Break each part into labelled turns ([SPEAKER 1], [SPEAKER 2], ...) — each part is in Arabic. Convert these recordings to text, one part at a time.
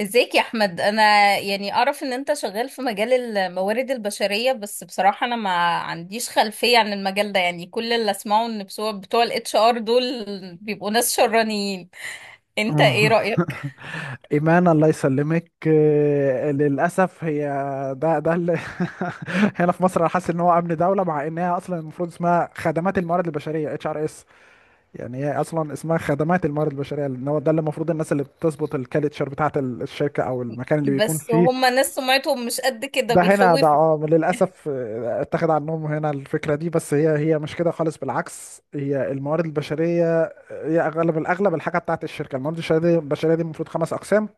[SPEAKER 1] ازيك يا احمد؟ انا يعني اعرف ان انت شغال في مجال الموارد البشريه، بس بصراحه انا ما عنديش خلفيه عن المجال ده. يعني كل اللي اسمعه ان بتوع الاتش ار دول بيبقوا ناس شرانيين. انت ايه
[SPEAKER 2] آه.
[SPEAKER 1] رايك؟
[SPEAKER 2] إيمان الله يسلمك للأسف هي. ده اللي. هنا في مصر أنا حاسس إن هو أمن دولة، مع إنها أصلا المفروض اسمها خدمات الموارد البشرية، اتش ار اس. يعني هي أصلا اسمها خدمات الموارد البشرية، لأن هو ده اللي المفروض الناس اللي بتظبط الكالتشر بتاعة الشركة أو المكان اللي بيكون
[SPEAKER 1] بس
[SPEAKER 2] فيه.
[SPEAKER 1] هم ناس سمعتهم مش قد كده،
[SPEAKER 2] ده هنا ده،
[SPEAKER 1] بيخوفوا.
[SPEAKER 2] للأسف اتخذ عنهم هنا الفكرة دي، بس هي مش كده خالص، بالعكس، هي الموارد البشرية. هي أغلب الأغلب الحاجة بتاعة الشركة الموارد البشرية دي، البشرية دي المفروض خمس أقسام.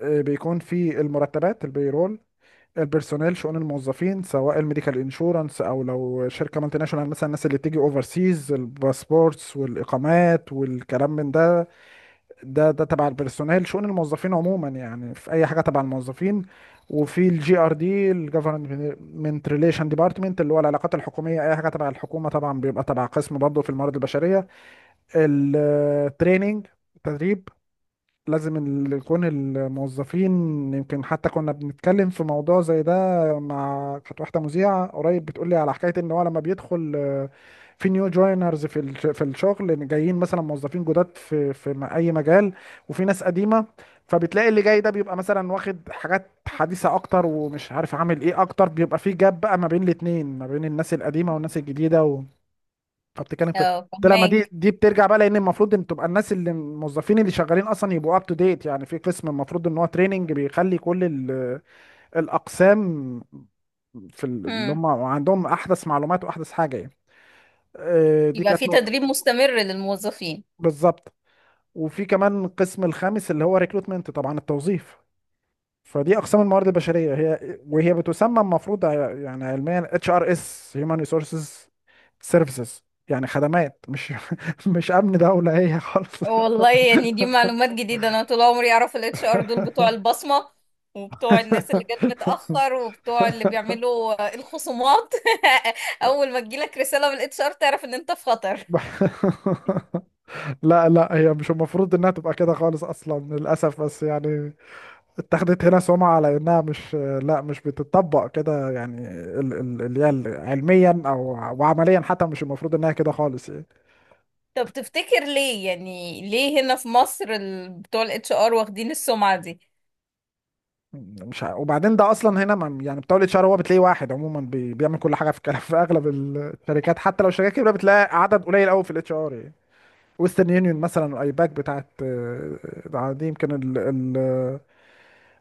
[SPEAKER 2] بيكون في المرتبات، البيرول، البيرسونيل، شؤون الموظفين، سواء الميديكال انشورنس، او لو شركه مالتي ناشونال مثلا الناس اللي بتيجي اوفر سيز، الباسبورتس والاقامات والكلام من ده. ده تبع البيرسونيل، شؤون الموظفين عموما. يعني في اي حاجه تبع الموظفين. وفي الجي ار دي، الجفرمنت ريليشن ديبارتمنت، اللي هو العلاقات الحكوميه، اي حاجه تبع الحكومه طبعا بيبقى تبع قسم برضه في الموارد البشريه. التريننج، تدريب، لازم يكون الموظفين. يمكن حتى كنا بنتكلم في موضوع زي ده مع كانت واحده مذيعه قريب، بتقول لي على حكايه ان هو لما بيدخل في نيو جوينرز في في الشغل، إن جايين مثلا موظفين جداد في اي مجال، وفي ناس قديمه. فبتلاقي اللي جاي ده بيبقى مثلا واخد حاجات حديثه اكتر، ومش عارف عامل ايه اكتر، بيبقى في جاب بقى ما بين الاتنين، ما بين الناس القديمه والناس الجديده. بتتكلم في.
[SPEAKER 1] اه،
[SPEAKER 2] طلع ما دي
[SPEAKER 1] فهماك.
[SPEAKER 2] دي بترجع بقى، لان المفروض ان تبقى الناس اللي الموظفين اللي شغالين اصلا يبقوا اب تو ديت. يعني في قسم المفروض ان هو تريننج بيخلي كل الاقسام في اللي
[SPEAKER 1] هم.
[SPEAKER 2] هم عندهم احدث معلومات واحدث حاجه يعني. دي
[SPEAKER 1] يبقى
[SPEAKER 2] كانت
[SPEAKER 1] في
[SPEAKER 2] نقطه.
[SPEAKER 1] تدريب مستمر للموظفين.
[SPEAKER 2] بالظبط. وفي كمان القسم الخامس اللي هو ريكروتمنت، طبعا التوظيف. فدي اقسام الموارد البشريه، هي وهي بتسمى المفروض يعني علميا اتش ار اس، هيومن ريسورسز سيرفيسز. يعني خدمات، مش مش امن دوله هي خالص.
[SPEAKER 1] والله يعني دي معلومات جديدة، انا طول عمري اعرف الاتش ار دول بتوع البصمة وبتوع الناس اللي جت متأخر وبتوع اللي بيعملوا الخصومات. اول ما تجيلك رسالة من الاتش ار تعرف ان انت في خطر.
[SPEAKER 2] لا، هي مش المفروض انها تبقى كده خالص اصلا، للاسف، بس يعني اتخذت هنا سمعة على انها مش. لا، مش بتطبق كده. يعني اللي هي علميا او وعمليا حتى، مش المفروض انها كده خالص يعني.
[SPEAKER 1] طب تفتكر ليه، هنا في مصر بتوع الاتش ار واخدين السمعة دي؟
[SPEAKER 2] مش وبعدين ده اصلا هنا يعني بتولد شهر، هو بتلاقيه واحد عموما بيعمل كل حاجه في في اغلب الشركات. حتى لو الشركات كبيره، بتلاقي عدد قليل قوي في الاتش ار يعني. ويسترن يونيون مثلا، ايباك بتاعت دي يمكن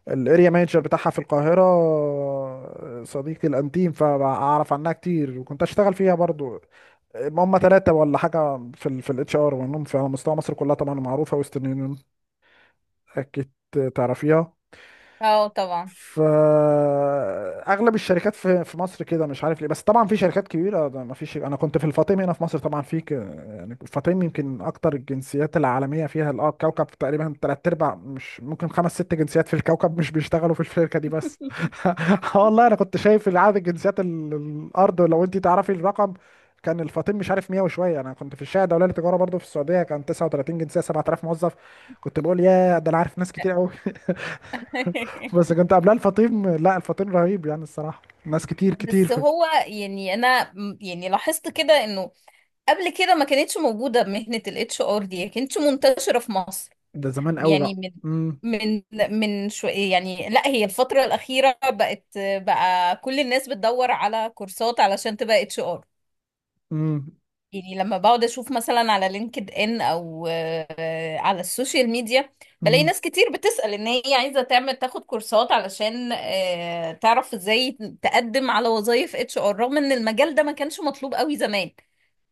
[SPEAKER 2] الاريا مانجر بتاعها في القاهره صديقي الانتيم، فاعرف عنها كتير، وكنت اشتغل فيها برضو. هم ثلاثه ولا حاجه في في الاتش ار، وانهم في على مستوى مصر كلها. طبعا معروفه ويسترن يونيون، اكيد تعرفيها.
[SPEAKER 1] اه طبعا.
[SPEAKER 2] فاغلب الشركات في مصر كده، مش عارف ليه. بس طبعا في شركات كبيره ده ما فيش. انا كنت في الفاطمي هنا في مصر، طبعا في يعني الفاطمي يمكن اكتر الجنسيات العالميه فيها اه الكوكب تقريبا. تلات ارباع مش ممكن، خمس ست جنسيات في الكوكب مش بيشتغلوا في الشركه دي بس. آه والله، انا كنت شايف عدد الجنسيات الارض، لو انت تعرفي الرقم. كان الفاطمي مش عارف 100 وشويه. انا كنت في الشارع الدوليه للتجاره برضو في السعوديه، كان 39 جنسيه، 7000 موظف. كنت بقول يا ده انا عارف ناس كتير قوي. بس كنت قبلها الفطيم، لا الفطيم رهيب يعني الصراحة، ناس كتير كتير
[SPEAKER 1] بس
[SPEAKER 2] في.
[SPEAKER 1] هو يعني انا يعني لاحظت كده انه قبل كده ما كانتش موجودة مهنة الاتش ار دي، ما كانتش منتشرة في مصر.
[SPEAKER 2] ده زمان قوي
[SPEAKER 1] يعني
[SPEAKER 2] بقى. امم
[SPEAKER 1] من من شو يعني. لا، هي الفترة الأخيرة بقت بقى كل الناس بتدور على كورسات علشان تبقى اتش ار.
[SPEAKER 2] امم
[SPEAKER 1] يعني لما بقعد اشوف مثلا على لينكد ان او على السوشيال ميديا بلاقي
[SPEAKER 2] امم
[SPEAKER 1] ناس كتير بتسأل ان هي عايزة تاخد كورسات علشان تعرف ازاي تقدم على وظائف اتش ار، رغم ان المجال ده ما كانش مطلوب قوي زمان.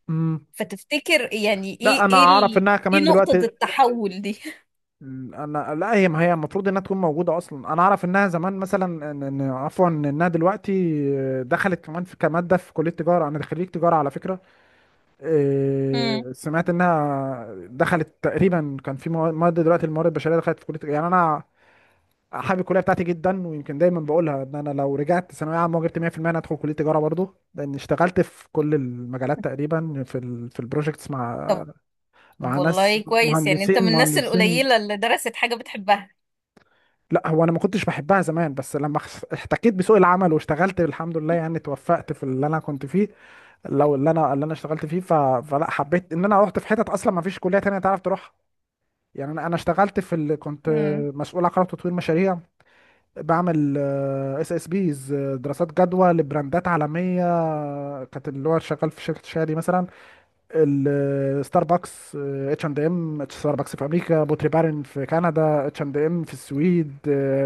[SPEAKER 2] امم
[SPEAKER 1] فتفتكر يعني
[SPEAKER 2] لا، انا اعرف انها
[SPEAKER 1] ايه
[SPEAKER 2] كمان
[SPEAKER 1] نقطة
[SPEAKER 2] دلوقتي.
[SPEAKER 1] التحول دي؟
[SPEAKER 2] انا، لا، هي ما هي المفروض انها تكون موجودة اصلا. انا اعرف انها زمان مثلا عفوا، انها دلوقتي دخلت كمان في، كمادة في كلية تجارة. انا خريج تجارة على فكرة.
[SPEAKER 1] مم.
[SPEAKER 2] سمعت انها دخلت تقريبا، كان في مواد، دلوقتي الموارد البشرية دخلت في كلية تجارة. يعني انا حابب الكليه بتاعتي جدا، ويمكن دايما بقولها ان انا لو رجعت ثانويه عامه وجبت 100%، انا هدخل كليه تجاره برضه، لان اشتغلت في كل المجالات تقريبا. في البروجكتس مع
[SPEAKER 1] طب
[SPEAKER 2] مع ناس
[SPEAKER 1] والله كويس، يعني انت
[SPEAKER 2] مهندسين،
[SPEAKER 1] من الناس
[SPEAKER 2] مهندسين.
[SPEAKER 1] القليلة اللي درست حاجة بتحبها.
[SPEAKER 2] لا هو انا ما كنتش بحبها زمان، بس لما احتكيت بسوق العمل واشتغلت الحمد لله، يعني توفقت في اللي انا كنت فيه. لو اللي انا اشتغلت فيه ف... فلا، حبيت ان انا رحت في حتت اصلا ما فيش كليه تانية تعرف تروحها. يعني انا اشتغلت في ال... كنت
[SPEAKER 1] امم.
[SPEAKER 2] مسؤول عن قرار تطوير مشاريع. بعمل اس اس بيز، دراسات جدوى لبراندات عالميه كانت اللي هو شغال في شركه شادي مثلا، ستاربكس، اتش اند ام، ستاربكس في امريكا، بوتري بارن في كندا، اتش اند ام في السويد،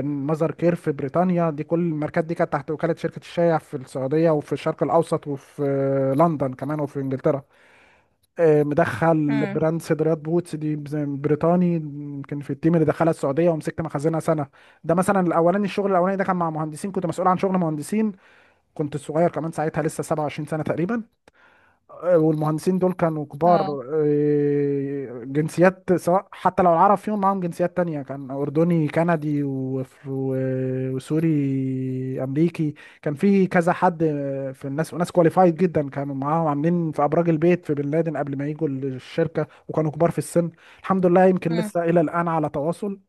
[SPEAKER 2] ماذر كير في بريطانيا. دي كل الماركات دي كانت تحت وكاله شركه الشايع في السعوديه وفي الشرق الاوسط، وفي لندن كمان، وفي انجلترا. مدخل
[SPEAKER 1] امم.
[SPEAKER 2] براند صدريات، بوتس دي زي بريطاني، يمكن في التيم اللي دخلها السعوديه ومسكت مخازنها سنه. ده مثلا الاولاني، الشغل الاولاني ده كان مع مهندسين، كنت مسؤول عن شغل مهندسين، كنت صغير كمان ساعتها، لسه 27 سنه تقريبا، والمهندسين دول كانوا كبار.
[SPEAKER 1] اه.
[SPEAKER 2] جنسيات، سواء حتى لو العرب فيهم، معاهم جنسيات تانية، كان أردني، كندي، وسوري، أمريكي. كان في كذا حد في الناس، وناس كواليفايد جدا كانوا معاهم، عاملين في أبراج البيت في بن لادن قبل ما يجوا الشركة، وكانوا كبار في السن. الحمد لله، يمكن
[SPEAKER 1] امم.
[SPEAKER 2] لسه إلى الآن على تواصل.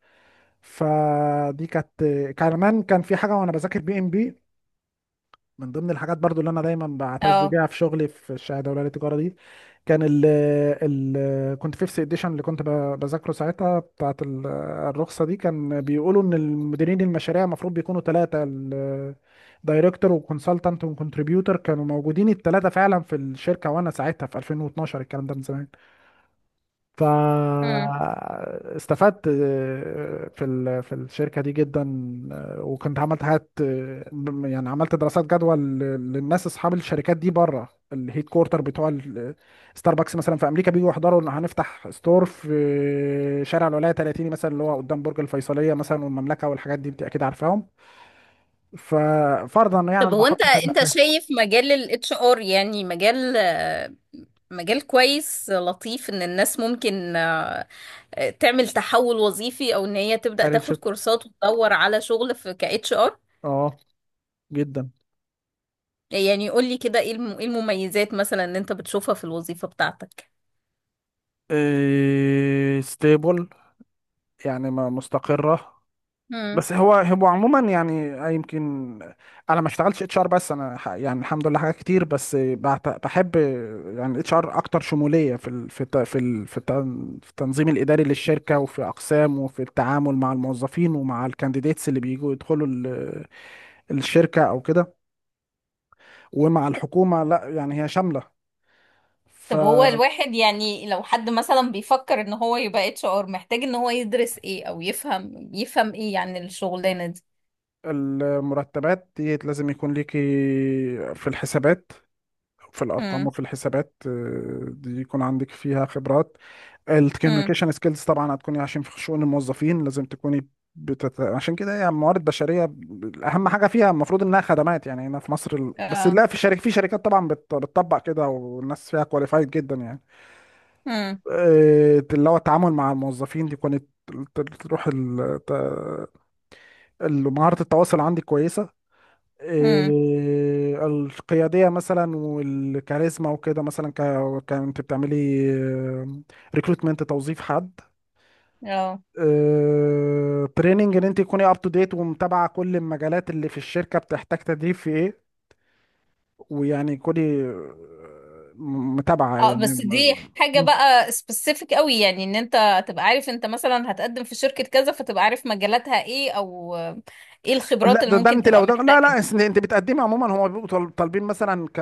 [SPEAKER 2] فدي كانت. كمان كان في حاجة، وأنا بذاكر بي إم بي، من ضمن الحاجات برضو اللي انا دايما بعتز
[SPEAKER 1] اه.
[SPEAKER 2] بيها في شغلي في الشهاده الاولى للتجاره دي. كان ال كنت فيفث اديشن اللي كنت بذاكره ساعتها بتاعت الرخصه دي. كان بيقولوا ان المديرين المشاريع المفروض بيكونوا ثلاثه، دايركتور وكونسلتنت وكونتريبيوتور، كانوا موجودين الثلاثه فعلا في الشركه. وانا ساعتها في 2012، الكلام ده من زمان.
[SPEAKER 1] امم.
[SPEAKER 2] فاستفدت في في الشركة دي جدا. وكنت عملت حاجات، يعني عملت دراسات جدوى للناس اصحاب الشركات دي بره، الهيد كورتر بتوع ستاربكس مثلا في امريكا، بييجوا يحضروا ان هنفتح ستور في شارع الولاية 30 مثلا، اللي هو قدام برج الفيصلية مثلا والمملكة والحاجات دي، انت اكيد عارفاهم. ففرضا يعني
[SPEAKER 1] طب
[SPEAKER 2] انا
[SPEAKER 1] هو
[SPEAKER 2] بحط
[SPEAKER 1] انت
[SPEAKER 2] ثابت
[SPEAKER 1] انت
[SPEAKER 2] سهم.
[SPEAKER 1] شايف مجال الاتش ار يعني مجال، مجال كويس لطيف ان الناس ممكن، تعمل تحول وظيفي او ان هي تبدأ
[SPEAKER 2] كارير
[SPEAKER 1] تاخد
[SPEAKER 2] شيفت.
[SPEAKER 1] كورسات وتدور على شغل في كاتش ار.
[SPEAKER 2] اه. جدا.
[SPEAKER 1] يعني قول لي كده، إيه المميزات مثلا اللي انت بتشوفها في الوظيفة بتاعتك؟
[SPEAKER 2] إيه ستيبل، يعني مستقرة. بس هو هو عموما يعني يمكن انا ما اشتغلتش اتش ار، بس انا يعني الحمد لله حاجات كتير بس بحب. يعني اتش ار اكتر شموليه في ال في الت- في ال في التن- في التنظيم الاداري للشركه، وفي اقسام، وفي التعامل مع الموظفين ومع الكانديديتس اللي بيجوا يدخلوا الشركه او كده، ومع الحكومه. لا يعني هي شامله.
[SPEAKER 1] طب هو الواحد، يعني لو حد مثلا بيفكر ان هو يبقى اتش ار، محتاج ان هو يدرس ايه او يفهم، ايه يعني الشغلانة دي؟
[SPEAKER 2] فالمرتبات دي لازم يكون ليكي في الحسابات، في الارقام
[SPEAKER 1] هم.
[SPEAKER 2] وفي الحسابات دي يكون عندك فيها خبرات.
[SPEAKER 1] هم.
[SPEAKER 2] الكوميونيكيشن سكيلز طبعا هتكوني، عشان في شؤون الموظفين لازم تكوني بتت... عشان كده يعني موارد بشريه، اهم حاجه فيها المفروض انها خدمات. يعني هنا في مصر ال... بس
[SPEAKER 1] اه.
[SPEAKER 2] لا، في شركات، في شركات طبعا بت... بتطبق كده، والناس فيها كواليفايد جدا يعني.
[SPEAKER 1] هم.
[SPEAKER 2] اللي هو التعامل مع الموظفين، دي كانت تروح ال... ت... مهاره التواصل عندي كويسه.
[SPEAKER 1] هم.
[SPEAKER 2] القياديه مثلا، والكاريزما وكده مثلا، ك... كنت بتعملي ريكروتمنت، توظيف حد،
[SPEAKER 1] اه.
[SPEAKER 2] تريننج ان انت تكوني اب تو ديت، ومتابعه كل المجالات اللي في الشركه بتحتاج تدريب في ايه. ويعني كوني متابعه
[SPEAKER 1] اه
[SPEAKER 2] يعني
[SPEAKER 1] بس دي حاجة بقى سبيسيفيك قوي، يعني ان انت تبقى عارف انت مثلا هتقدم في شركة كذا فتبقى عارف مجالاتها ايه، او ايه الخبرات
[SPEAKER 2] لا
[SPEAKER 1] اللي
[SPEAKER 2] ده، ده
[SPEAKER 1] ممكن
[SPEAKER 2] انت
[SPEAKER 1] تبقى
[SPEAKER 2] لو ده، لا،
[SPEAKER 1] محتاجة.
[SPEAKER 2] انت بتقدمي عموما هم بيبقوا طالبين مثلا ك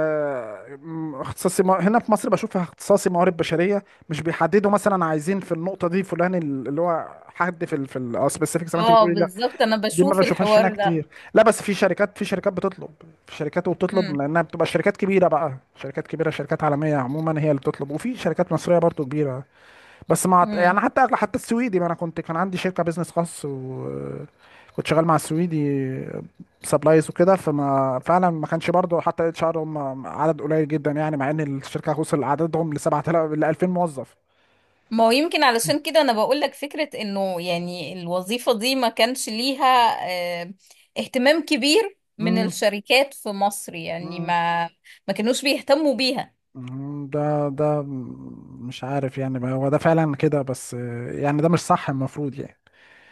[SPEAKER 2] اختصاصي هنا في مصر بشوف اختصاصي موارد بشريه، مش بيحددوا مثلا عايزين في النقطه دي فلان اللي هو حد في السبيسيفيك زي ما انت
[SPEAKER 1] اه
[SPEAKER 2] بتقولي.
[SPEAKER 1] بالظبط، انا
[SPEAKER 2] دي ما
[SPEAKER 1] بشوف
[SPEAKER 2] بشوفهاش هنا
[SPEAKER 1] الحوار ده.
[SPEAKER 2] كتير. لا بس في شركات بتطلب، في شركات وبتطلب، لانها بتبقى شركات كبيره بقى، شركات عالميه عموما هي اللي بتطلب، وفي شركات مصريه برضو كبيره. بس مع يعني
[SPEAKER 1] هم.
[SPEAKER 2] حتى السويدي، ما انا كنت كان عندي شركه بيزنس خاص، وكنت شغال مع السويدي سبلايز وكده. فما فعلا ما كانش برضو، حتى اتش ار هم عدد قليل جدا. يعني مع ان الشركه وصل عددهم ل 7000، ل 2000 موظف.
[SPEAKER 1] ما هو يمكن علشان كده انا بقول لك فكرة انه يعني الوظيفة دي ما كانش ليها، آه، اهتمام كبير من الشركات في مصر، يعني
[SPEAKER 2] امم.
[SPEAKER 1] ما كانوش بيهتموا بيها.
[SPEAKER 2] ده مش عارف يعني. ما هو ده فعلا كده، بس يعني ده مش صح، المفروض يعني.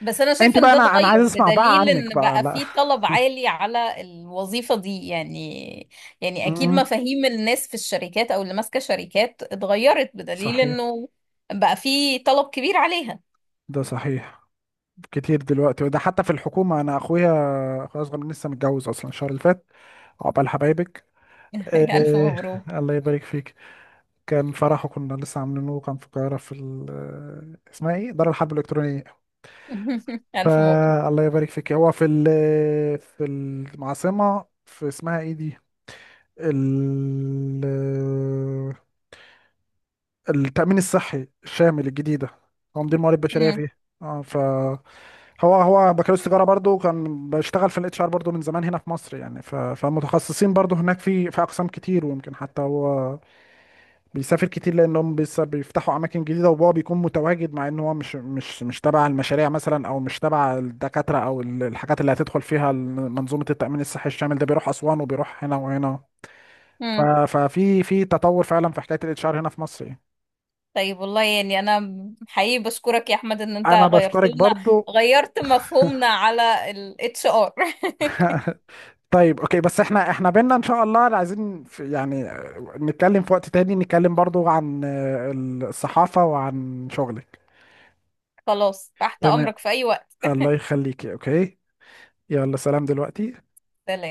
[SPEAKER 1] بس انا
[SPEAKER 2] انت
[SPEAKER 1] شايفة ان
[SPEAKER 2] بقى،
[SPEAKER 1] ده
[SPEAKER 2] انا
[SPEAKER 1] اتغير
[SPEAKER 2] عايز اسمع بقى
[SPEAKER 1] بدليل
[SPEAKER 2] عنك
[SPEAKER 1] ان
[SPEAKER 2] بقى.
[SPEAKER 1] بقى
[SPEAKER 2] لا.
[SPEAKER 1] في طلب عالي على الوظيفة دي. يعني يعني اكيد
[SPEAKER 2] امم.
[SPEAKER 1] مفاهيم الناس في الشركات او اللي ماسكة شركات اتغيرت، بدليل
[SPEAKER 2] صحيح.
[SPEAKER 1] انه بقى في طلب كبير عليها.
[SPEAKER 2] ده صحيح. كتير دلوقتي. وده حتى في الحكومة، انا اخويا، اخويا اصغر مني لسه متجوز اصلا الشهر اللي فات. عقبال حبايبك.
[SPEAKER 1] الف
[SPEAKER 2] إيه.
[SPEAKER 1] مبروك.
[SPEAKER 2] الله يبارك فيك. كان فرحه، كنا لسه عاملينه، كان في القاهرة في اسمها ايه، دار الحرب الإلكترونية.
[SPEAKER 1] الف مبروك.
[SPEAKER 2] فالله يبارك فيك. هو في العاصمة، في اسمها ايه دي، ال... التأمين الصحي الشامل الجديد ده. تنظيم موارد بشرية
[SPEAKER 1] مم.
[SPEAKER 2] فيه، اه. فهو هو بكالوريوس تجارة برضو، كان بشتغل في الاتش ار برضو من زمان هنا في مصر. يعني ف... فمتخصصين برضو، هناك في أقسام كتير. ويمكن حتى هو بيسافر كتير، لأنهم بيفتحوا أماكن جديدة، وهو بيكون متواجد، مع إن هو مش تبع المشاريع مثلا، أو مش تبع الدكاترة، أو الحاجات اللي هتدخل فيها منظومة التأمين الصحي الشامل ده، بيروح أسوان وبيروح هنا وهنا. ف-
[SPEAKER 1] مم.
[SPEAKER 2] ففي في تطور فعلا في حكايه الاتش ار هنا في مصر يعني.
[SPEAKER 1] طيب والله، يعني انا حقيقي بشكرك يا احمد ان انت
[SPEAKER 2] انا
[SPEAKER 1] غيرت
[SPEAKER 2] بشكرك
[SPEAKER 1] لنا،
[SPEAKER 2] برضو.
[SPEAKER 1] غيرت مفهومنا على الاتش ار.
[SPEAKER 2] طيب اوكي، بس احنا بينا ان شاء الله عايزين في، يعني نتكلم في وقت تاني، نتكلم برضو عن الصحافه وعن شغلك.
[SPEAKER 1] خلاص، تحت
[SPEAKER 2] تمام.
[SPEAKER 1] امرك في اي وقت.
[SPEAKER 2] الله يخليكي، اوكي. يلا، سلام دلوقتي.
[SPEAKER 1] سلام.